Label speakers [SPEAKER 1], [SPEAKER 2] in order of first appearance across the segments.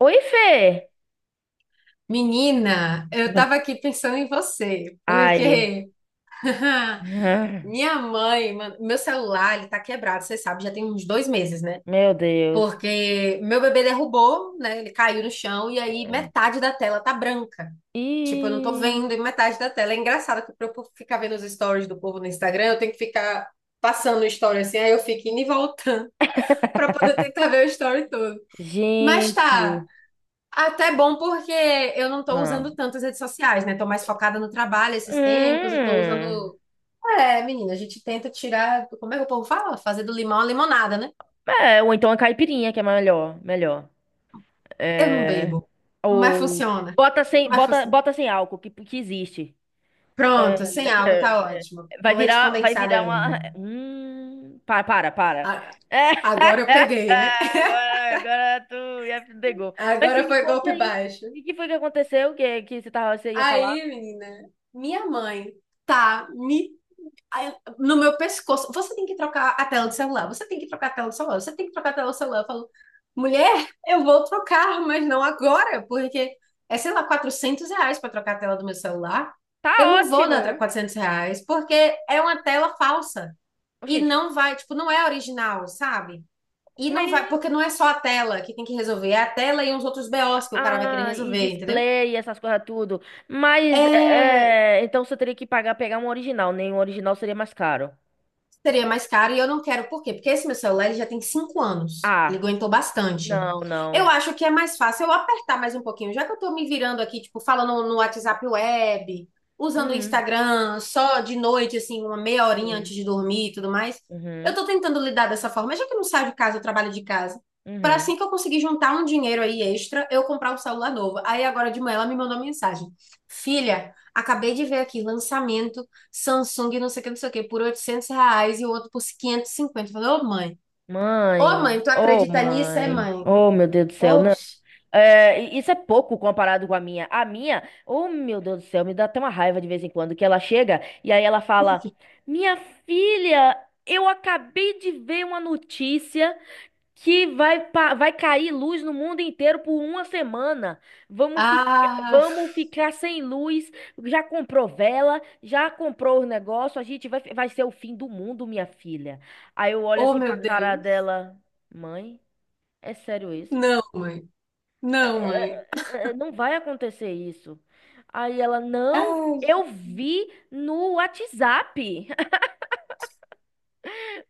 [SPEAKER 1] Oi, Fê!
[SPEAKER 2] Menina, eu
[SPEAKER 1] Uhum.
[SPEAKER 2] tava aqui pensando em você,
[SPEAKER 1] Ai,
[SPEAKER 2] porque minha mãe, mano, meu celular, ele tá quebrado, você sabe, já tem uns 2 meses, né?
[SPEAKER 1] meu Deus.
[SPEAKER 2] Porque meu bebê derrubou, né? Ele caiu no chão e aí metade da tela tá branca. Tipo, eu não tô
[SPEAKER 1] Ih,
[SPEAKER 2] vendo e metade da tela. É engraçado que pra eu ficar vendo os stories do povo no Instagram, eu tenho que ficar passando o story assim, aí eu fico indo e voltando pra poder tentar ver o story todo. Mas tá,
[SPEAKER 1] gente.
[SPEAKER 2] até bom porque eu não estou
[SPEAKER 1] Ah.
[SPEAKER 2] usando tanto as redes sociais, né? Estou mais focada no trabalho esses tempos e estou
[SPEAKER 1] Hum.
[SPEAKER 2] usando. É, menina, a gente tenta tirar. Como é que o povo fala? Fazer do limão a limonada, né?
[SPEAKER 1] É, ou então a caipirinha, que é melhor. Melhor.
[SPEAKER 2] Eu não
[SPEAKER 1] É,
[SPEAKER 2] bebo, mas
[SPEAKER 1] ou
[SPEAKER 2] funciona.
[SPEAKER 1] bota sem,
[SPEAKER 2] Mas
[SPEAKER 1] bota,
[SPEAKER 2] funciona.
[SPEAKER 1] bota sem álcool, que existe. É,
[SPEAKER 2] Pronto, sem álcool tá ótimo. Com leite
[SPEAKER 1] vai
[SPEAKER 2] condensado
[SPEAKER 1] virar
[SPEAKER 2] ainda.
[SPEAKER 1] uma. Para.
[SPEAKER 2] A- Agora eu peguei, né?
[SPEAKER 1] Agora tu já pegou. Mas
[SPEAKER 2] Agora
[SPEAKER 1] sim, me
[SPEAKER 2] foi
[SPEAKER 1] conte
[SPEAKER 2] golpe
[SPEAKER 1] aí.
[SPEAKER 2] baixo.
[SPEAKER 1] O que foi que aconteceu? Que você, tava, você ia falar?
[SPEAKER 2] Aí, menina, minha mãe tá me no meu pescoço. Você tem que trocar a tela do celular, você tem que trocar a tela do celular, você tem que trocar a tela do celular. Eu falo, mulher, eu vou trocar, mas não agora, porque é, sei lá, R$ 400 para trocar a tela do meu celular.
[SPEAKER 1] Tá
[SPEAKER 2] Eu não vou dar
[SPEAKER 1] ótimo!
[SPEAKER 2] R$ 400, porque é uma tela falsa. E
[SPEAKER 1] Oxente,
[SPEAKER 2] não vai, tipo, não é original, sabe? E não vai, porque
[SPEAKER 1] mas.
[SPEAKER 2] não é só a tela que tem que resolver, é a tela e uns outros BOs que o cara vai querer
[SPEAKER 1] Ah, e
[SPEAKER 2] resolver, entendeu?
[SPEAKER 1] display, essas coisas tudo. Mas,
[SPEAKER 2] É,
[SPEAKER 1] então você teria que pagar, pegar um original, nem um original seria mais caro.
[SPEAKER 2] seria mais caro e eu não quero. Por quê? Porque esse meu celular ele já tem 5 anos. Ele
[SPEAKER 1] Ah,
[SPEAKER 2] aguentou bastante.
[SPEAKER 1] não,
[SPEAKER 2] Eu
[SPEAKER 1] não.
[SPEAKER 2] acho que é mais fácil eu apertar mais um pouquinho, já que eu tô me virando aqui, tipo, falando no WhatsApp web, usando o
[SPEAKER 1] Hum,
[SPEAKER 2] Instagram só de noite, assim, uma meia horinha antes
[SPEAKER 1] hum,
[SPEAKER 2] de dormir e tudo mais. Eu
[SPEAKER 1] uhum,
[SPEAKER 2] tô tentando lidar dessa forma, já que eu não saio de casa, eu trabalho de casa. Para
[SPEAKER 1] uhum.
[SPEAKER 2] assim que eu conseguir juntar um dinheiro aí extra, eu comprar um celular novo. Aí agora de manhã ela me mandou mensagem: Filha, acabei de ver aqui lançamento Samsung, não sei o que, não sei o que, por R$ 800 e o outro por 550. Eu falei, ô
[SPEAKER 1] Mãe,
[SPEAKER 2] mãe, tu
[SPEAKER 1] ô
[SPEAKER 2] acredita nisso, é
[SPEAKER 1] mãe,
[SPEAKER 2] mãe?
[SPEAKER 1] oh meu Deus do céu,
[SPEAKER 2] Ô,
[SPEAKER 1] não.
[SPEAKER 2] bicho,
[SPEAKER 1] É, e isso é pouco comparado com a minha. A minha, oh meu Deus do céu, me dá até uma raiva de vez em quando que ela chega e aí ela
[SPEAKER 2] por
[SPEAKER 1] fala:
[SPEAKER 2] quê?
[SPEAKER 1] Minha filha, eu acabei de ver uma notícia que vai, vai cair luz no mundo inteiro por uma semana. Vamos ficar.
[SPEAKER 2] Ah,
[SPEAKER 1] Vamos ficar sem luz. Já comprou vela, já comprou o negócio. A gente vai ser o fim do mundo, minha filha. Aí eu olho
[SPEAKER 2] oh
[SPEAKER 1] assim pra
[SPEAKER 2] meu
[SPEAKER 1] cara
[SPEAKER 2] Deus.
[SPEAKER 1] dela: Mãe, é sério isso?
[SPEAKER 2] Não, mãe. Não,
[SPEAKER 1] é,
[SPEAKER 2] mãe.
[SPEAKER 1] não vai acontecer isso. Aí ela, não,
[SPEAKER 2] Ai,
[SPEAKER 1] eu vi no WhatsApp.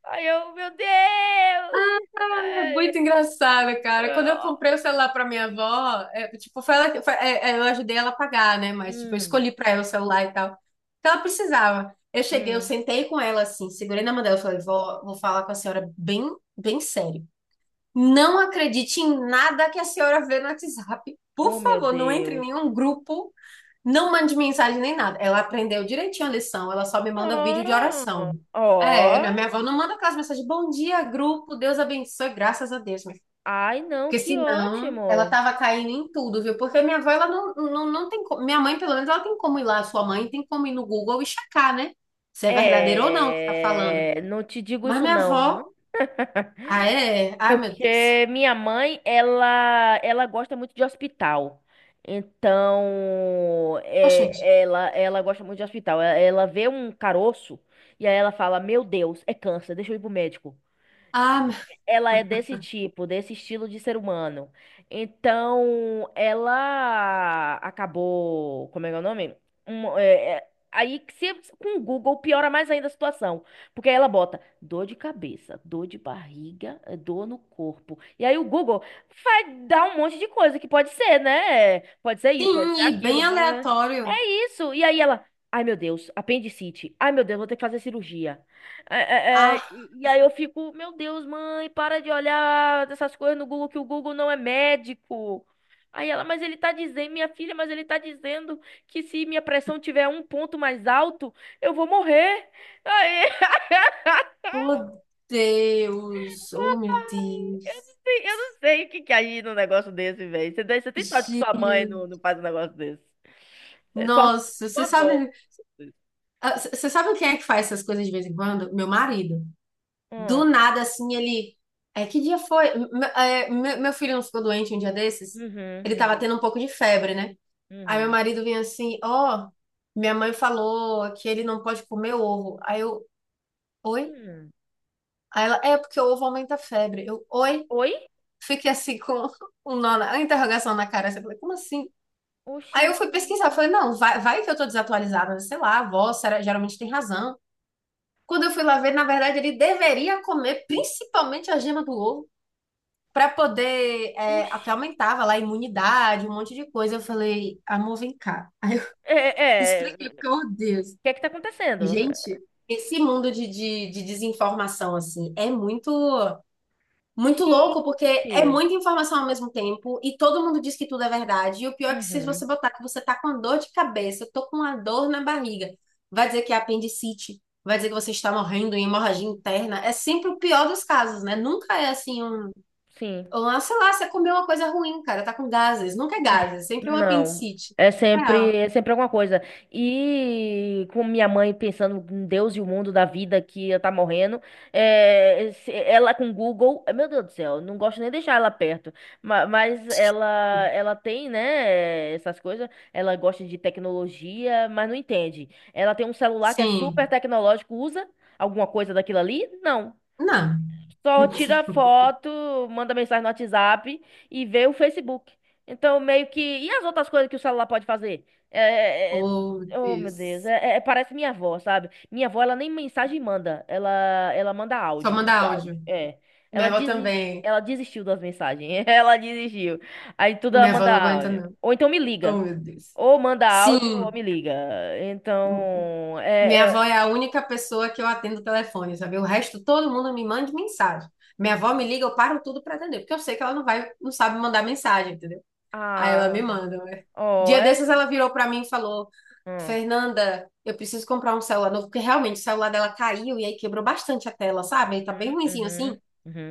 [SPEAKER 1] Aí eu, meu Deus!
[SPEAKER 2] é muito
[SPEAKER 1] Ai,
[SPEAKER 2] engraçado, cara. Quando eu
[SPEAKER 1] ah.
[SPEAKER 2] comprei o celular pra minha avó, é, tipo, foi ela, eu ajudei ela a pagar, né? Mas, tipo, eu
[SPEAKER 1] Hum,
[SPEAKER 2] escolhi pra ela o celular e tal. Então, ela precisava. Eu cheguei, eu
[SPEAKER 1] hum.
[SPEAKER 2] sentei com ela assim, segurei na mão dela e falei, vó, vou falar com a senhora bem, bem sério. Não acredite em nada que a senhora vê no WhatsApp. Por
[SPEAKER 1] Oh, meu
[SPEAKER 2] favor, não entre em
[SPEAKER 1] Deus.
[SPEAKER 2] nenhum grupo, não mande mensagem nem nada. Ela aprendeu direitinho a lição, ela só me manda vídeo de
[SPEAKER 1] Oh,
[SPEAKER 2] oração. É, minha,
[SPEAKER 1] oh.
[SPEAKER 2] minha avó não manda aquelas mensagens, bom dia, grupo, Deus abençoe, graças a Deus. Minha filha.
[SPEAKER 1] Ai, não,
[SPEAKER 2] Porque
[SPEAKER 1] que
[SPEAKER 2] senão, ela
[SPEAKER 1] ótimo.
[SPEAKER 2] tava caindo em tudo, viu? Porque minha avó, ela não tem como, minha mãe, pelo menos, ela tem como ir lá, sua mãe tem como ir no Google e checar, né? Se é verdadeiro ou não o que tá falando.
[SPEAKER 1] É, não te digo
[SPEAKER 2] Mas
[SPEAKER 1] isso
[SPEAKER 2] minha
[SPEAKER 1] não.
[SPEAKER 2] avó, ah, é? Ai, meu Deus.
[SPEAKER 1] Porque minha mãe, ela gosta muito de hospital. Então,
[SPEAKER 2] Oxente.
[SPEAKER 1] é, ela gosta muito de hospital. Ela vê um caroço e aí ela fala: Meu Deus, é câncer, deixa eu ir pro médico.
[SPEAKER 2] Ah,
[SPEAKER 1] Ela é desse tipo, desse estilo de ser humano. Então, ela acabou. Como é que é o nome? Um, é, é, aí, que se, com o Google, piora mais ainda a situação. Porque aí ela bota dor de cabeça, dor de barriga, dor no corpo. E aí o Google vai dar um monte de coisa que pode ser, né? Pode ser isso, pode
[SPEAKER 2] sim,
[SPEAKER 1] ser
[SPEAKER 2] e
[SPEAKER 1] aquilo.
[SPEAKER 2] bem aleatório.
[SPEAKER 1] Isso. E aí ela, ai meu Deus, apendicite. Ai meu Deus, vou ter que fazer cirurgia.
[SPEAKER 2] Ah,
[SPEAKER 1] Aí eu fico, meu Deus, mãe, para de olhar essas coisas no Google, que o Google não é médico. Aí ela, mas ele tá dizendo, minha filha, mas ele tá dizendo que se minha pressão tiver um ponto mais alto, eu vou morrer. Aí,
[SPEAKER 2] oh Deus, oh meu Deus.
[SPEAKER 1] eu não sei o que que é aí num negócio desse, velho. Você tem sorte que sua mãe não
[SPEAKER 2] Gente,
[SPEAKER 1] faz um negócio desse. É
[SPEAKER 2] nossa,
[SPEAKER 1] sua
[SPEAKER 2] você
[SPEAKER 1] avó.
[SPEAKER 2] sabe, ah, você sabe quem é que faz essas coisas de vez em quando? Meu marido.
[SPEAKER 1] Hum,
[SPEAKER 2] Do nada, assim, ele. É, que dia foi? Meu filho não ficou doente um dia desses?
[SPEAKER 1] uhum,
[SPEAKER 2] Ele tava
[SPEAKER 1] uhum,
[SPEAKER 2] tendo um pouco de febre, né? Aí meu
[SPEAKER 1] uhum.
[SPEAKER 2] marido vinha assim, ó, minha mãe falou que ele não pode comer ovo. Aí eu, oi?
[SPEAKER 1] Hum.
[SPEAKER 2] Aí ela, é porque o ovo aumenta a febre. Eu, oi?
[SPEAKER 1] Oi?
[SPEAKER 2] Fiquei assim com um nó na, uma interrogação na cara. Assim, eu falei, como assim? Aí eu fui
[SPEAKER 1] Oxente.
[SPEAKER 2] pesquisar, falei, não, vai que eu tô desatualizada, né? Sei lá, a avó geralmente tem razão. Quando eu fui lá ver, na verdade, ele deveria comer principalmente a gema do ovo para poder, que
[SPEAKER 1] Oxi.
[SPEAKER 2] aumentava lá a imunidade, um monte de coisa. Eu falei, amor, vem cá. Aí eu
[SPEAKER 1] É,
[SPEAKER 2] expliquei, porque,
[SPEAKER 1] o
[SPEAKER 2] oh Deus,
[SPEAKER 1] que é que tá acontecendo?
[SPEAKER 2] gente, esse mundo de desinformação, assim, é muito. Muito louco, porque é
[SPEAKER 1] Gente.
[SPEAKER 2] muita informação ao mesmo tempo e todo mundo diz que tudo é verdade. E o pior é que se
[SPEAKER 1] Uhum,
[SPEAKER 2] você botar que você tá com dor de cabeça, eu tô com uma dor na barriga, vai dizer que é apendicite, vai dizer que você está morrendo em hemorragia interna. É sempre o pior dos casos, né? Nunca é assim um,
[SPEAKER 1] sim.
[SPEAKER 2] um, ah, sei lá, você comeu uma coisa ruim, cara, tá com gases. Nunca é gases, sempre é um
[SPEAKER 1] Não.
[SPEAKER 2] apendicite. É.
[SPEAKER 1] É sempre alguma coisa. E com minha mãe pensando em Deus e o mundo da vida que ela tá morrendo, ela com Google, meu Deus do céu, não gosto nem de deixar ela perto. Mas ela tem, né, essas coisas. Ela gosta de tecnologia, mas não entende. Ela tem um celular que é super
[SPEAKER 2] Sim.
[SPEAKER 1] tecnológico, usa alguma coisa daquilo ali? Não.
[SPEAKER 2] Não.
[SPEAKER 1] Só tira foto, manda mensagem no WhatsApp e vê o Facebook. Então, meio que. E as outras coisas que o celular pode fazer? É... é-
[SPEAKER 2] Oh,
[SPEAKER 1] é, oh, meu Deus.
[SPEAKER 2] Deus.
[SPEAKER 1] Parece minha avó, sabe? Minha avó, ela nem mensagem manda. Ela manda
[SPEAKER 2] Só
[SPEAKER 1] áudio,
[SPEAKER 2] mandar
[SPEAKER 1] tudo áudio.
[SPEAKER 2] áudio.
[SPEAKER 1] É.
[SPEAKER 2] Minha avó também.
[SPEAKER 1] Ela desistiu das mensagens. Ela desistiu. Aí tudo ela
[SPEAKER 2] Minha avó
[SPEAKER 1] manda
[SPEAKER 2] não aguenta,
[SPEAKER 1] áudio.
[SPEAKER 2] não.
[SPEAKER 1] Ou então me
[SPEAKER 2] Oh,
[SPEAKER 1] liga.
[SPEAKER 2] meu Deus.
[SPEAKER 1] Ou manda áudio ou
[SPEAKER 2] Sim,
[SPEAKER 1] me liga. Então.
[SPEAKER 2] minha avó é a única pessoa que eu atendo o telefone, sabe? O resto, todo mundo me manda mensagem. Minha avó me liga, eu paro tudo pra atender, porque eu sei que ela não vai, não sabe mandar mensagem, entendeu? Aí ela me
[SPEAKER 1] Ah.
[SPEAKER 2] manda, né?
[SPEAKER 1] Oh,
[SPEAKER 2] Dia
[SPEAKER 1] é.
[SPEAKER 2] desses ela virou pra mim e falou:
[SPEAKER 1] Hum.
[SPEAKER 2] Fernanda, eu preciso comprar um celular novo, porque realmente o celular dela caiu e aí quebrou bastante a tela, sabe?
[SPEAKER 1] Uhum,
[SPEAKER 2] Aí tá bem ruinzinho
[SPEAKER 1] uhum,
[SPEAKER 2] assim.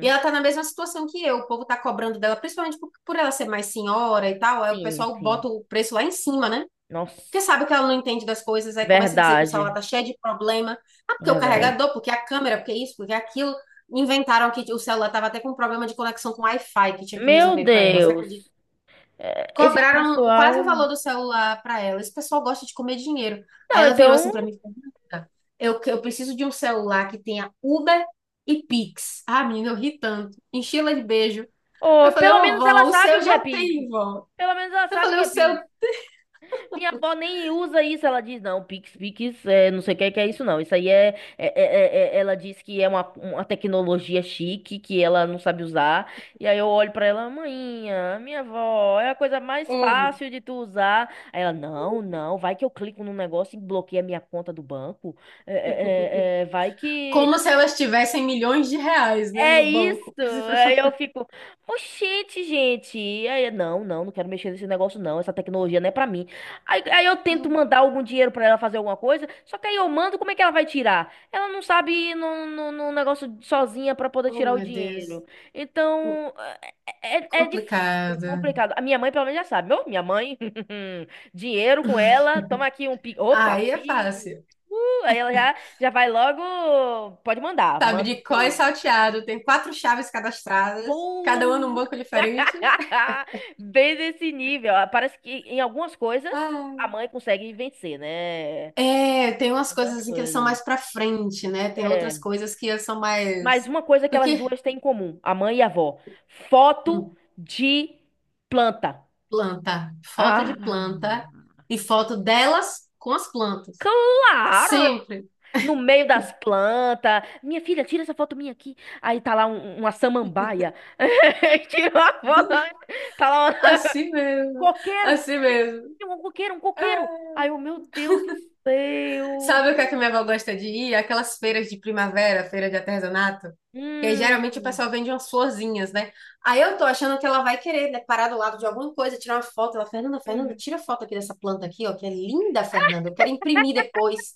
[SPEAKER 2] E ela tá na mesma situação que eu, o povo tá cobrando dela, principalmente por ela ser mais senhora e tal, aí o
[SPEAKER 1] Sim,
[SPEAKER 2] pessoal
[SPEAKER 1] sim.
[SPEAKER 2] bota o preço lá em cima, né?
[SPEAKER 1] Nossa,
[SPEAKER 2] Porque sabe que ela não entende das coisas, aí começa a dizer que o celular
[SPEAKER 1] verdade,
[SPEAKER 2] tá cheio de problema. Ah, porque o
[SPEAKER 1] verdade.
[SPEAKER 2] carregador, porque a câmera, porque isso, porque aquilo. Inventaram que o celular tava até com problema de conexão com Wi-Fi que tinha que
[SPEAKER 1] Meu
[SPEAKER 2] resolver pra ela, você acredita?
[SPEAKER 1] Deus, é, esse
[SPEAKER 2] Cobraram quase
[SPEAKER 1] pessoal.
[SPEAKER 2] o valor do celular pra ela. Esse pessoal gosta de comer dinheiro. Aí
[SPEAKER 1] Não,
[SPEAKER 2] ela virou assim
[SPEAKER 1] então,
[SPEAKER 2] pra mim, e falou, "Renata, eu preciso de um celular que tenha Uber e Pix. Ah, menina, eu ri tanto. Enchi ela de beijo. Aí
[SPEAKER 1] ó,
[SPEAKER 2] eu falei,
[SPEAKER 1] pelo
[SPEAKER 2] ô,
[SPEAKER 1] menos ela
[SPEAKER 2] vó, o
[SPEAKER 1] sabe
[SPEAKER 2] seu
[SPEAKER 1] o que é
[SPEAKER 2] já
[SPEAKER 1] Pix.
[SPEAKER 2] tem, vó.
[SPEAKER 1] Pelo menos ela
[SPEAKER 2] Eu
[SPEAKER 1] sabe o
[SPEAKER 2] falei,
[SPEAKER 1] que
[SPEAKER 2] o
[SPEAKER 1] é
[SPEAKER 2] seu.
[SPEAKER 1] Pix. Minha avó nem usa isso. Ela diz, não, Pix, Pix, é, não sei o que é isso, não. Isso aí ela diz que é uma tecnologia chique que ela não sabe usar. E aí eu olho pra ela, maninha, minha avó, é a coisa mais
[SPEAKER 2] Ô,
[SPEAKER 1] fácil de tu usar. Aí ela, não, vai que eu clico num negócio e bloqueia a minha conta do banco. Vai que.
[SPEAKER 2] como se elas tivessem milhões de reais, né,
[SPEAKER 1] É
[SPEAKER 2] no
[SPEAKER 1] isso.
[SPEAKER 2] banco.
[SPEAKER 1] Aí eu fico, oxente, gente. E aí, não quero mexer nesse negócio, não. Essa tecnologia não é pra mim. Aí eu tento mandar algum dinheiro pra ela fazer alguma coisa, só que aí eu mando, como é que ela vai tirar? Ela não sabe ir num negócio sozinha pra poder
[SPEAKER 2] Oh,
[SPEAKER 1] tirar o
[SPEAKER 2] meu Deus.
[SPEAKER 1] dinheiro. Então, é difícil. É
[SPEAKER 2] Complicado.
[SPEAKER 1] complicado. A minha mãe, pelo menos, já sabe. Minha mãe, dinheiro com ela, toma aqui um pi. Opa,
[SPEAKER 2] Aí é
[SPEAKER 1] pi.
[SPEAKER 2] fácil.
[SPEAKER 1] Aí ela já, já vai logo. Pode
[SPEAKER 2] Sabe?
[SPEAKER 1] mandar, manda o
[SPEAKER 2] Sabadicó e
[SPEAKER 1] pi.
[SPEAKER 2] salteado. Tem quatro chaves cadastradas.
[SPEAKER 1] Uh!
[SPEAKER 2] Cada uma num banco diferente.
[SPEAKER 1] Bem nesse nível. Ah, parece que em algumas coisas a
[SPEAKER 2] Ah.
[SPEAKER 1] mãe consegue vencer, né? Em
[SPEAKER 2] É, tem umas coisas
[SPEAKER 1] algumas
[SPEAKER 2] assim que eles são
[SPEAKER 1] coisas.
[SPEAKER 2] mais pra frente, né? Tem outras
[SPEAKER 1] É.
[SPEAKER 2] coisas que eles são
[SPEAKER 1] Mas
[SPEAKER 2] mais...
[SPEAKER 1] uma coisa que elas
[SPEAKER 2] Porque
[SPEAKER 1] duas têm em comum, a mãe e a avó: foto
[SPEAKER 2] hum,
[SPEAKER 1] de planta.
[SPEAKER 2] planta. Foto
[SPEAKER 1] Ah,
[SPEAKER 2] de planta. E foto delas com as plantas.
[SPEAKER 1] claro!
[SPEAKER 2] Sempre.
[SPEAKER 1] No meio das plantas. Minha filha, tira essa foto minha aqui. Aí tá lá uma samambaia. Tira uma foto.
[SPEAKER 2] Do-
[SPEAKER 1] Tá lá
[SPEAKER 2] Assim mesmo.
[SPEAKER 1] coqueiro!
[SPEAKER 2] Assim mesmo.
[SPEAKER 1] Tinha um coqueiro, um coqueiro!
[SPEAKER 2] É.
[SPEAKER 1] Aí eu, meu Deus do céu!
[SPEAKER 2] Sabe o que é que minha avó gosta de ir? Aquelas feiras de primavera, feira de artesanato. Que aí, geralmente o
[SPEAKER 1] Hum,
[SPEAKER 2] pessoal vende umas florzinhas, né? Aí eu tô achando que ela vai querer, né, parar do lado de alguma coisa, tirar uma foto. Ela, Fernanda, Fernanda,
[SPEAKER 1] uhum.
[SPEAKER 2] tira foto aqui dessa planta aqui, ó, que é linda, Fernanda. Eu quero imprimir depois.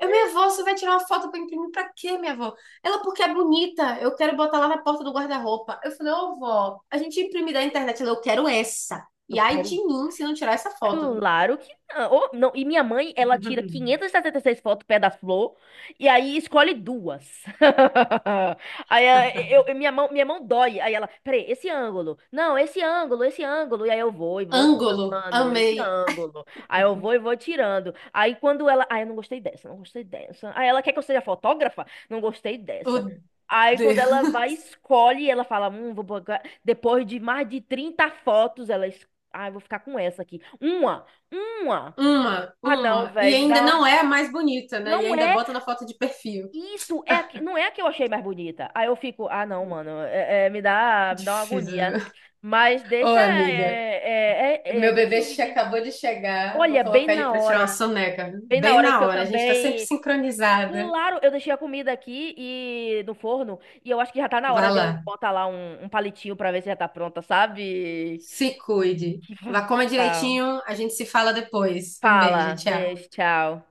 [SPEAKER 2] Eu, minha avó, você vai tirar uma foto pra imprimir pra quê, minha avó? Ela, porque é bonita. Eu quero botar lá na porta do guarda-roupa. Eu falei, ô, vó, a gente imprime da internet. Ela, eu quero essa.
[SPEAKER 1] Eu
[SPEAKER 2] E ai de
[SPEAKER 1] quero
[SPEAKER 2] mim se não tirar essa foto, viu?
[SPEAKER 1] claro que não. Ô, não. E minha mãe, ela tira 576 fotos pé da flor e aí escolhe duas. Aí minha mão dói. Aí ela, peraí, esse ângulo. Não, esse ângulo. E aí eu vou e vou
[SPEAKER 2] Ângulo,
[SPEAKER 1] tirando esse
[SPEAKER 2] amei.
[SPEAKER 1] ângulo. Aí eu vou e vou tirando. Aí quando ela, aí eu não gostei dessa, não gostei dessa. Aí ela quer que eu seja fotógrafa? Não gostei
[SPEAKER 2] O
[SPEAKER 1] dessa. Aí quando
[SPEAKER 2] Deus.
[SPEAKER 1] ela vai, escolhe, ela fala, vou botar... Depois de mais de 30 fotos, ela ah, eu vou ficar com essa aqui. Uma.
[SPEAKER 2] Uma,
[SPEAKER 1] Ah, não,
[SPEAKER 2] uma. E
[SPEAKER 1] velho, me dá
[SPEAKER 2] ainda
[SPEAKER 1] uma
[SPEAKER 2] não
[SPEAKER 1] raiva.
[SPEAKER 2] é a mais bonita, né? E
[SPEAKER 1] Não
[SPEAKER 2] ainda
[SPEAKER 1] é
[SPEAKER 2] bota na foto de perfil.
[SPEAKER 1] isso, é não é a que eu achei mais bonita. Aí eu fico, ah, não, mano, me dá uma agonia.
[SPEAKER 2] Difícil.
[SPEAKER 1] Mas
[SPEAKER 2] Ô,
[SPEAKER 1] deixa,
[SPEAKER 2] amiga, meu
[SPEAKER 1] deixa
[SPEAKER 2] bebê
[SPEAKER 1] eu ver aqui.
[SPEAKER 2] acabou de chegar. Vou
[SPEAKER 1] Olha,
[SPEAKER 2] colocar ele pra tirar uma soneca.
[SPEAKER 1] bem na
[SPEAKER 2] Bem
[SPEAKER 1] hora que
[SPEAKER 2] na
[SPEAKER 1] eu
[SPEAKER 2] hora. A gente tá sempre
[SPEAKER 1] também.
[SPEAKER 2] sincronizada.
[SPEAKER 1] Claro, eu deixei a comida aqui e no forno e eu acho que já tá na hora
[SPEAKER 2] Vá
[SPEAKER 1] de eu
[SPEAKER 2] lá.
[SPEAKER 1] botar lá um palitinho pra ver se já tá pronta, sabe?
[SPEAKER 2] Se cuide.
[SPEAKER 1] Que
[SPEAKER 2] Vá, coma
[SPEAKER 1] tchau.
[SPEAKER 2] direitinho. A gente se fala depois. Um beijo,
[SPEAKER 1] Fala,
[SPEAKER 2] tchau.
[SPEAKER 1] beijo, tchau.